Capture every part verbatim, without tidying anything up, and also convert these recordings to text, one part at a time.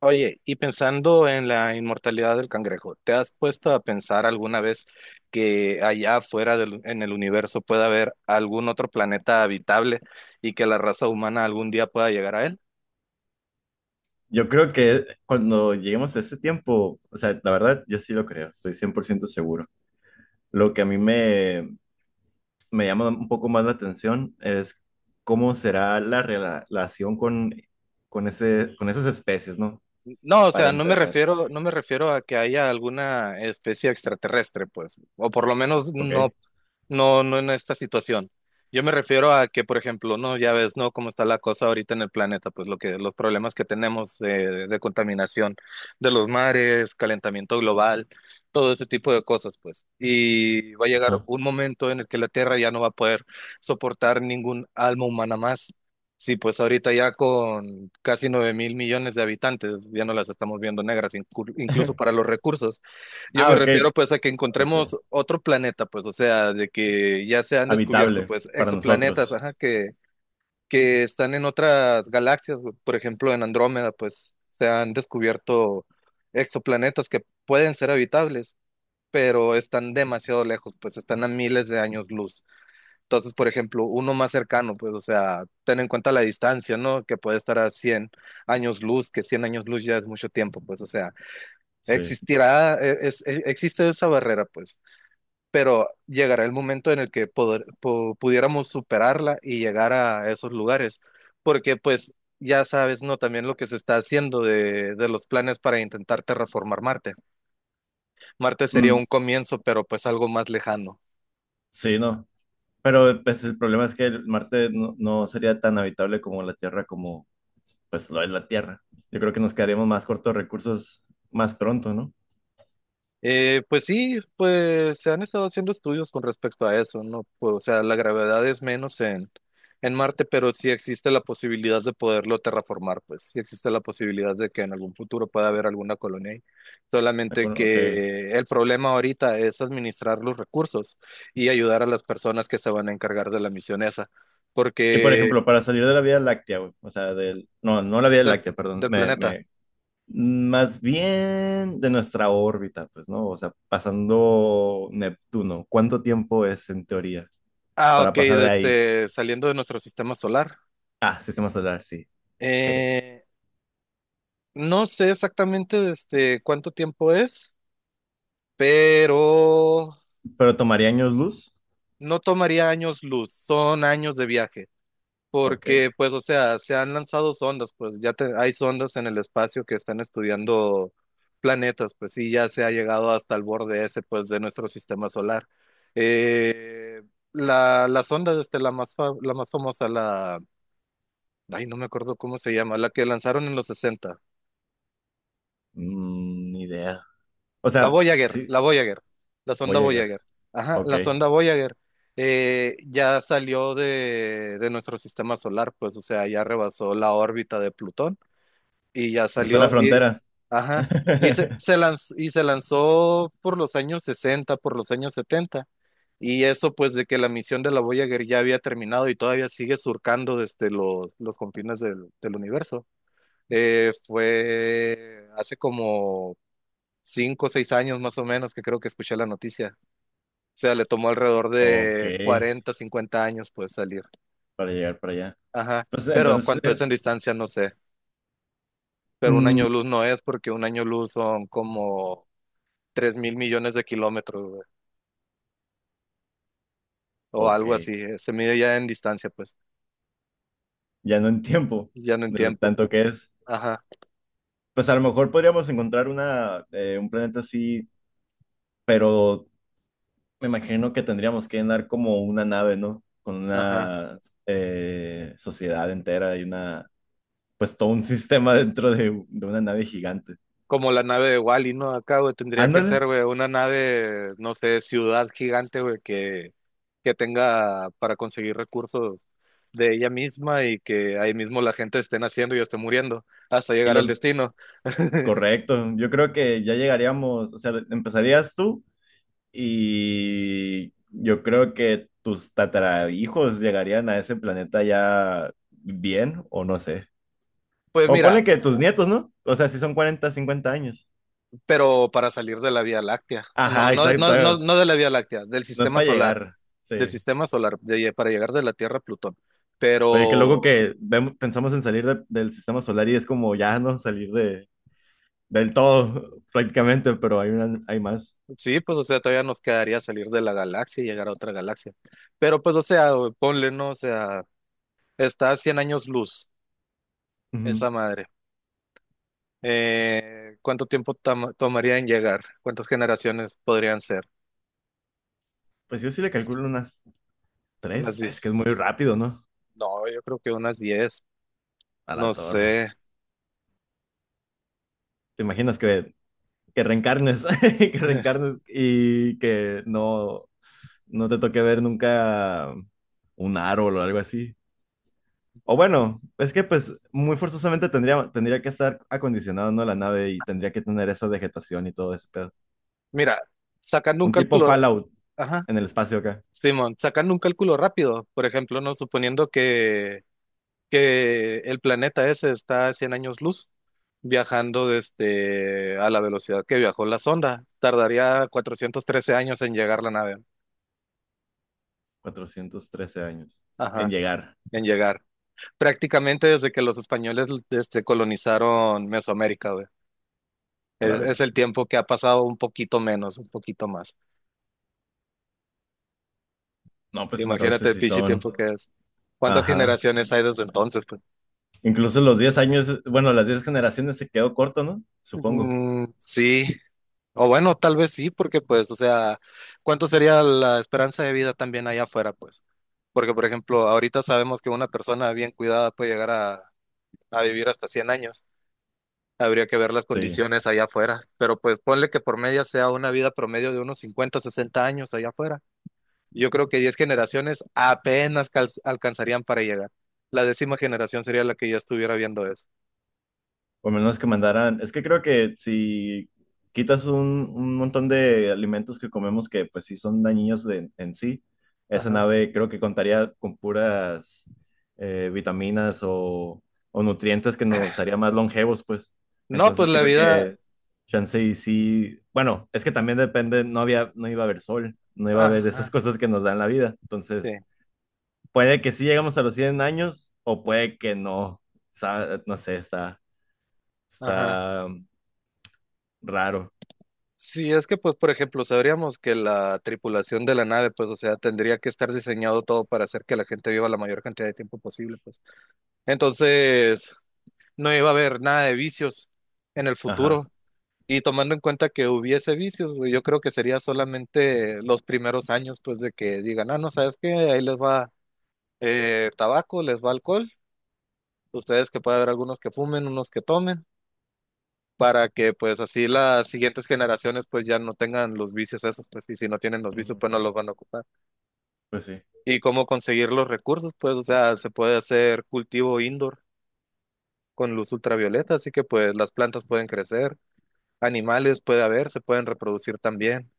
Oye, y pensando en la inmortalidad del cangrejo, ¿te has puesto a pensar alguna vez que allá afuera del- en el universo pueda haber algún otro planeta habitable y que la raza humana algún día pueda llegar a él? Yo creo que cuando lleguemos a ese tiempo, o sea, la verdad, yo sí lo creo, estoy cien por ciento seguro. Lo que a mí me, me llama un poco más la atención es cómo será la rela- relación con, con, ese, con esas especies, ¿no? No, o Para sea, no me empezar, refiero, no me refiero a que haya alguna especie extraterrestre, pues, o por lo menos ¿ok? no, no, no en esta situación. Yo me refiero a que, por ejemplo, no, ya ves, ¿no? Cómo está la cosa ahorita en el planeta, pues lo que, los problemas que tenemos eh, de contaminación de los mares, calentamiento global, todo ese tipo de cosas, pues. Y va a llegar Ajá. un momento en el que la Tierra ya no va a poder soportar ningún alma humana más. Sí, pues ahorita ya con casi nueve mil millones de habitantes, ya no las estamos viendo negras, inclu- incluso para los recursos. Yo me Ah, ok, refiero pues a que ok. encontremos otro planeta, pues, o sea, de que ya se han descubierto Habitable pues para exoplanetas, nosotros, ajá, que, que están en otras galaxias, güey. Por ejemplo, en Andrómeda, pues se han descubierto exoplanetas que pueden ser habitables, pero están demasiado lejos, pues están a miles de años luz. Entonces, por ejemplo, uno más cercano, pues, o sea, ten en cuenta la distancia, ¿no? Que puede estar a cien años luz, que cien años luz ya es mucho tiempo, pues, o sea, sí. existirá, eh, es- eh, existe esa barrera, pues, pero llegará el momento en el que poder- po- pudiéramos superarla y llegar a esos lugares, porque, pues, ya sabes, ¿no? También lo que se está haciendo de, de los planes para intentar terraformar Marte. Marte sería Mm, un comienzo, pero pues algo más lejano. sí, no. Pero pues, el problema es que el Marte no, no sería tan habitable como la Tierra como, pues lo es la Tierra. Yo creo que nos quedaremos más cortos de recursos más pronto, ¿no? Eh, pues sí, pues se han estado haciendo estudios con respecto a eso, ¿no? Pues, o sea, la gravedad es menos en, en Marte, pero sí existe la posibilidad de poderlo terraformar, pues sí existe la posibilidad de que en algún futuro pueda haber alguna colonia ahí. De Solamente acuerdo, ok. que el problema ahorita es administrar los recursos y ayudar a las personas que se van a encargar de la misión esa, Y por porque ejemplo, para salir de la Vía Láctea, güey, o sea, del, no, no la Vía del, Láctea, perdón, del me, planeta. me, más bien de nuestra órbita, pues, ¿no? O sea, pasando Neptuno, ¿cuánto tiempo es en teoría Ah, ok, para pasar de de ahí? este, saliendo de nuestro sistema solar. Ah, sistema solar, sí. Jeje. Eh, No sé exactamente este, cuánto tiempo es, pero Pero tomaría años luz. no tomaría años luz, son años de viaje, Ok. porque pues, o sea, se han lanzado sondas, pues ya te- hay sondas en el espacio que están estudiando planetas, pues sí, ya se ha llegado hasta el borde ese, pues, de nuestro sistema solar. Eh, la, la sonda, este, la más, fa- la más famosa, la, ay, no me acuerdo cómo se llama, la que lanzaron en los sesenta. Mm, ni idea. O La sea, Voyager, sí, la Voyager, la sonda voy a llegar. Voyager. Ajá, Ok. la sonda Voyager eh, ya salió de, de nuestro sistema solar, pues, o sea, ya rebasó la órbita de Plutón y ya Cruzó la salió, y, frontera. ajá, y se, se lanz- y se lanzó por los años sesenta, por los años setenta. Y eso, pues, de que la misión de la Voyager ya había terminado y todavía sigue surcando desde los, los confines del, del universo. Eh, fue hace como cinco o seis años más o menos que creo que escuché la noticia. O sea, le tomó alrededor Ok, de cuarenta, cincuenta años pues salir. para llegar para allá. Ajá. Pues Pero cuánto es en entonces, distancia, no sé. Pero un mm, año luz no es porque un año luz son como tres mil millones de kilómetros, güey. O ok, algo así. eh, Se mide ya en distancia, pues. ya no en tiempo Ya no en de lo tiempo, tanto pues. que es. Ajá, Pues a lo mejor podríamos encontrar una, eh, un planeta así, pero me imagino que tendríamos que andar como una nave, ¿no? Con ajá. una eh, sociedad entera y una, pues todo un sistema dentro de, de una nave gigante. Como la nave de Wally, ¿no? Acá, güey, tendría que ser, Ándale, güey, una nave, no sé, ciudad gigante, güey, que, que tenga para conseguir recursos de ella misma y que ahí mismo la gente esté naciendo y esté muriendo hasta y llegar al los, destino. correcto, yo creo que ya llegaríamos, o sea, empezarías tú. Y yo creo que tus tatarahijos llegarían a ese planeta ya bien, o no sé. Pues O mira, ponle que tus nietos, ¿no? O sea, si son cuarenta cincuenta años. pero para salir de la Vía Láctea. No, Ajá, no, no, no, exacto. no de la Vía Láctea, del No es sistema para solar, llegar. del Sí. sistema solar, de- para llegar de la Tierra a Plutón. Oye, qué loco Pero que vemos- pensamos en salir de- del sistema solar y es como ya, ¿no? Salir de, del todo, prácticamente, pero hay una, hay más. sí, pues o sea, todavía nos quedaría salir de la galaxia y llegar a otra galaxia. Pero pues, o sea, güey, ponle, ¿no? O sea, está a cien años luz, Ujú. esa madre. Eh, ¿cuánto tiempo tam- tomaría en llegar? ¿Cuántas generaciones podrían ser? Pues yo sí le calculo unas ¿Unas tres. Es que diez? es muy rápido, ¿no? No, yo creo que unas diez. A la No torre. sé. ¿Te imaginas que que reencarnes, que reencarnes y que no, no te toque ver nunca un árbol o algo así. O bueno, es que pues muy forzosamente tendría, tendría que estar acondicionado, ¿no? La nave y tendría que tener esa vegetación y todo ese pedo. Mira, sacando un Un tipo cálculo, Fallout ajá, en el espacio acá, Simón, sacando un cálculo rápido, por ejemplo, no suponiendo que, que el planeta ese está a cien años luz, viajando desde a la velocidad que viajó la sonda, tardaría cuatrocientos trece años en llegar la nave, cuatrocientos trece años, en ajá, llegar en llegar, prácticamente desde que los españoles este, colonizaron Mesoamérica, güey. a la Es, es vez. el tiempo que ha pasado un poquito menos, un poquito más. No, pues Imagínate entonces el sí pinche son, tiempo que es. ¿Cuántas ajá. generaciones hay desde entonces, pues? Incluso los diez años, bueno, las diez generaciones se quedó corto, ¿no? Supongo. Mm, sí. O bueno, tal vez sí, porque pues, o sea, ¿cuánto sería la esperanza de vida también allá afuera, pues? Porque, por ejemplo, ahorita sabemos que una persona bien cuidada puede llegar a, a vivir hasta cien años. Habría que ver las Sí. condiciones allá afuera, pero pues ponle que por media sea una vida promedio de unos cincuenta, sesenta años allá afuera. Yo creo que diez generaciones apenas cal- alcanzarían para llegar. La décima generación sería la que ya estuviera viendo eso. O menos que mandaran, es que creo que si quitas un, un montón de alimentos que comemos que pues sí son dañinos de- en sí, esa Ajá. nave creo que contaría con puras eh, vitaminas o, o nutrientes que nos haría más longevos, pues. No, pues Entonces la creo vida, que chance y sí, bueno, es que también depende, no había, no iba a haber sol, no iba a haber esas ajá, cosas que nos dan la vida. sí, Entonces, puede que sí llegamos a los cien años o puede que no. Sa- No sé, está. ajá. Está raro. Sí, es que pues por ejemplo, sabríamos que la tripulación de la nave, pues o sea, tendría que estar diseñado todo para hacer que la gente viva la mayor cantidad de tiempo posible, pues. Entonces, no iba a haber nada de vicios en el Ajá. futuro. Y tomando en cuenta que hubiese vicios, güey, yo creo que sería solamente los primeros años, pues, de que digan, ah, no, ¿sabes qué? Ahí les va eh, tabaco, les va alcohol, ustedes que puede haber algunos que fumen, unos que tomen, para que, pues, así las siguientes generaciones, pues, ya no tengan los vicios esos, pues, y si no tienen los vicios, Ujú. pues, no los van a ocupar. Pues sí. Y cómo conseguir los recursos, pues, o sea, se puede hacer cultivo indoor con luz ultravioleta, así que, pues, las plantas pueden crecer, animales puede haber, se pueden reproducir también.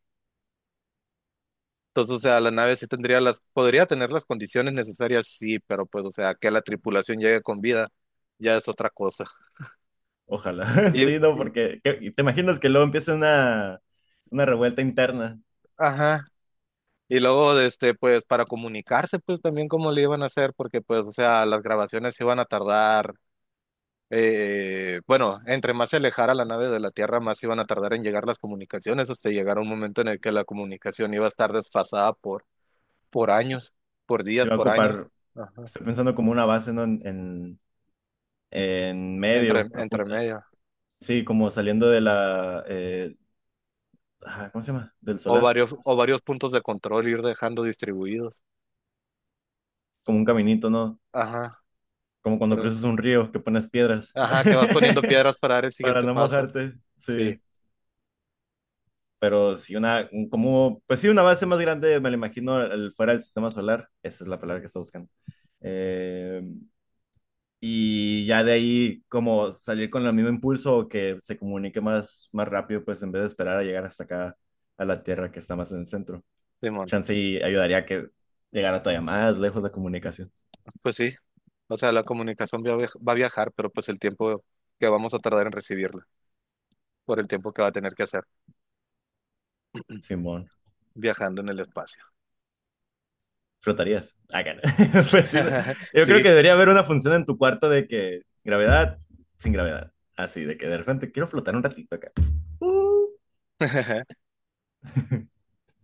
Entonces, o sea, la nave sí tendría las, podría tener las condiciones necesarias, sí, pero pues, o sea, que la tripulación llegue con vida, ya es otra cosa. Ojalá. Y, Sí, no, y- porque ¿qué- y te imaginas que luego empieza una, una revuelta interna. ajá. Y luego, de este, pues, para comunicarse, pues, también cómo le iban a hacer, porque, pues, o sea, las grabaciones se iban a tardar, eh, bueno, entre más se alejara la nave de la Tierra, más iban a tardar en llegar las comunicaciones, hasta llegar a un momento en el que la comunicación iba a estar desfasada por, por años, por Se días, va a por años, ocupar, ajá, estoy pensando como una base, ¿no? En, en, en entre, medio, a entre punta- medio. Sí, como saliendo de la, eh, ajá, ¿cómo se llama? Del O solar. varios, ¿Cómo se- o varios puntos de control ir dejando distribuidos. Como un caminito, ¿no? Ajá, Como cuando pero, cruzas un río que pones piedras ajá, que vas poniendo piedras para dar el para siguiente no paso. mojarte. Sí. Sí, Pero si una, un- como, pues sí, una base más grande, me la imagino, el- fuera del sistema solar, esa es la palabra que está buscando. Eh, y ya de ahí, como salir con el mismo impulso o que se comunique más, más rápido, pues en vez de esperar a llegar hasta acá, a la Tierra que está más en el centro. Simón. Chance y ayudaría a que llegara todavía más lejos la comunicación. Pues sí, o sea, la comunicación va a viaj- va a viajar, pero pues el tiempo que vamos a tardar en recibirla, por el tiempo que va a tener que hacer Simón. viajando en el espacio. Flotarías. Ah, cara. Pues sí, ¿no? Yo creo que Sí. debería haber una función en tu cuarto de que gravedad sin gravedad. Así, de que de repente quiero flotar un ratito acá. Uh.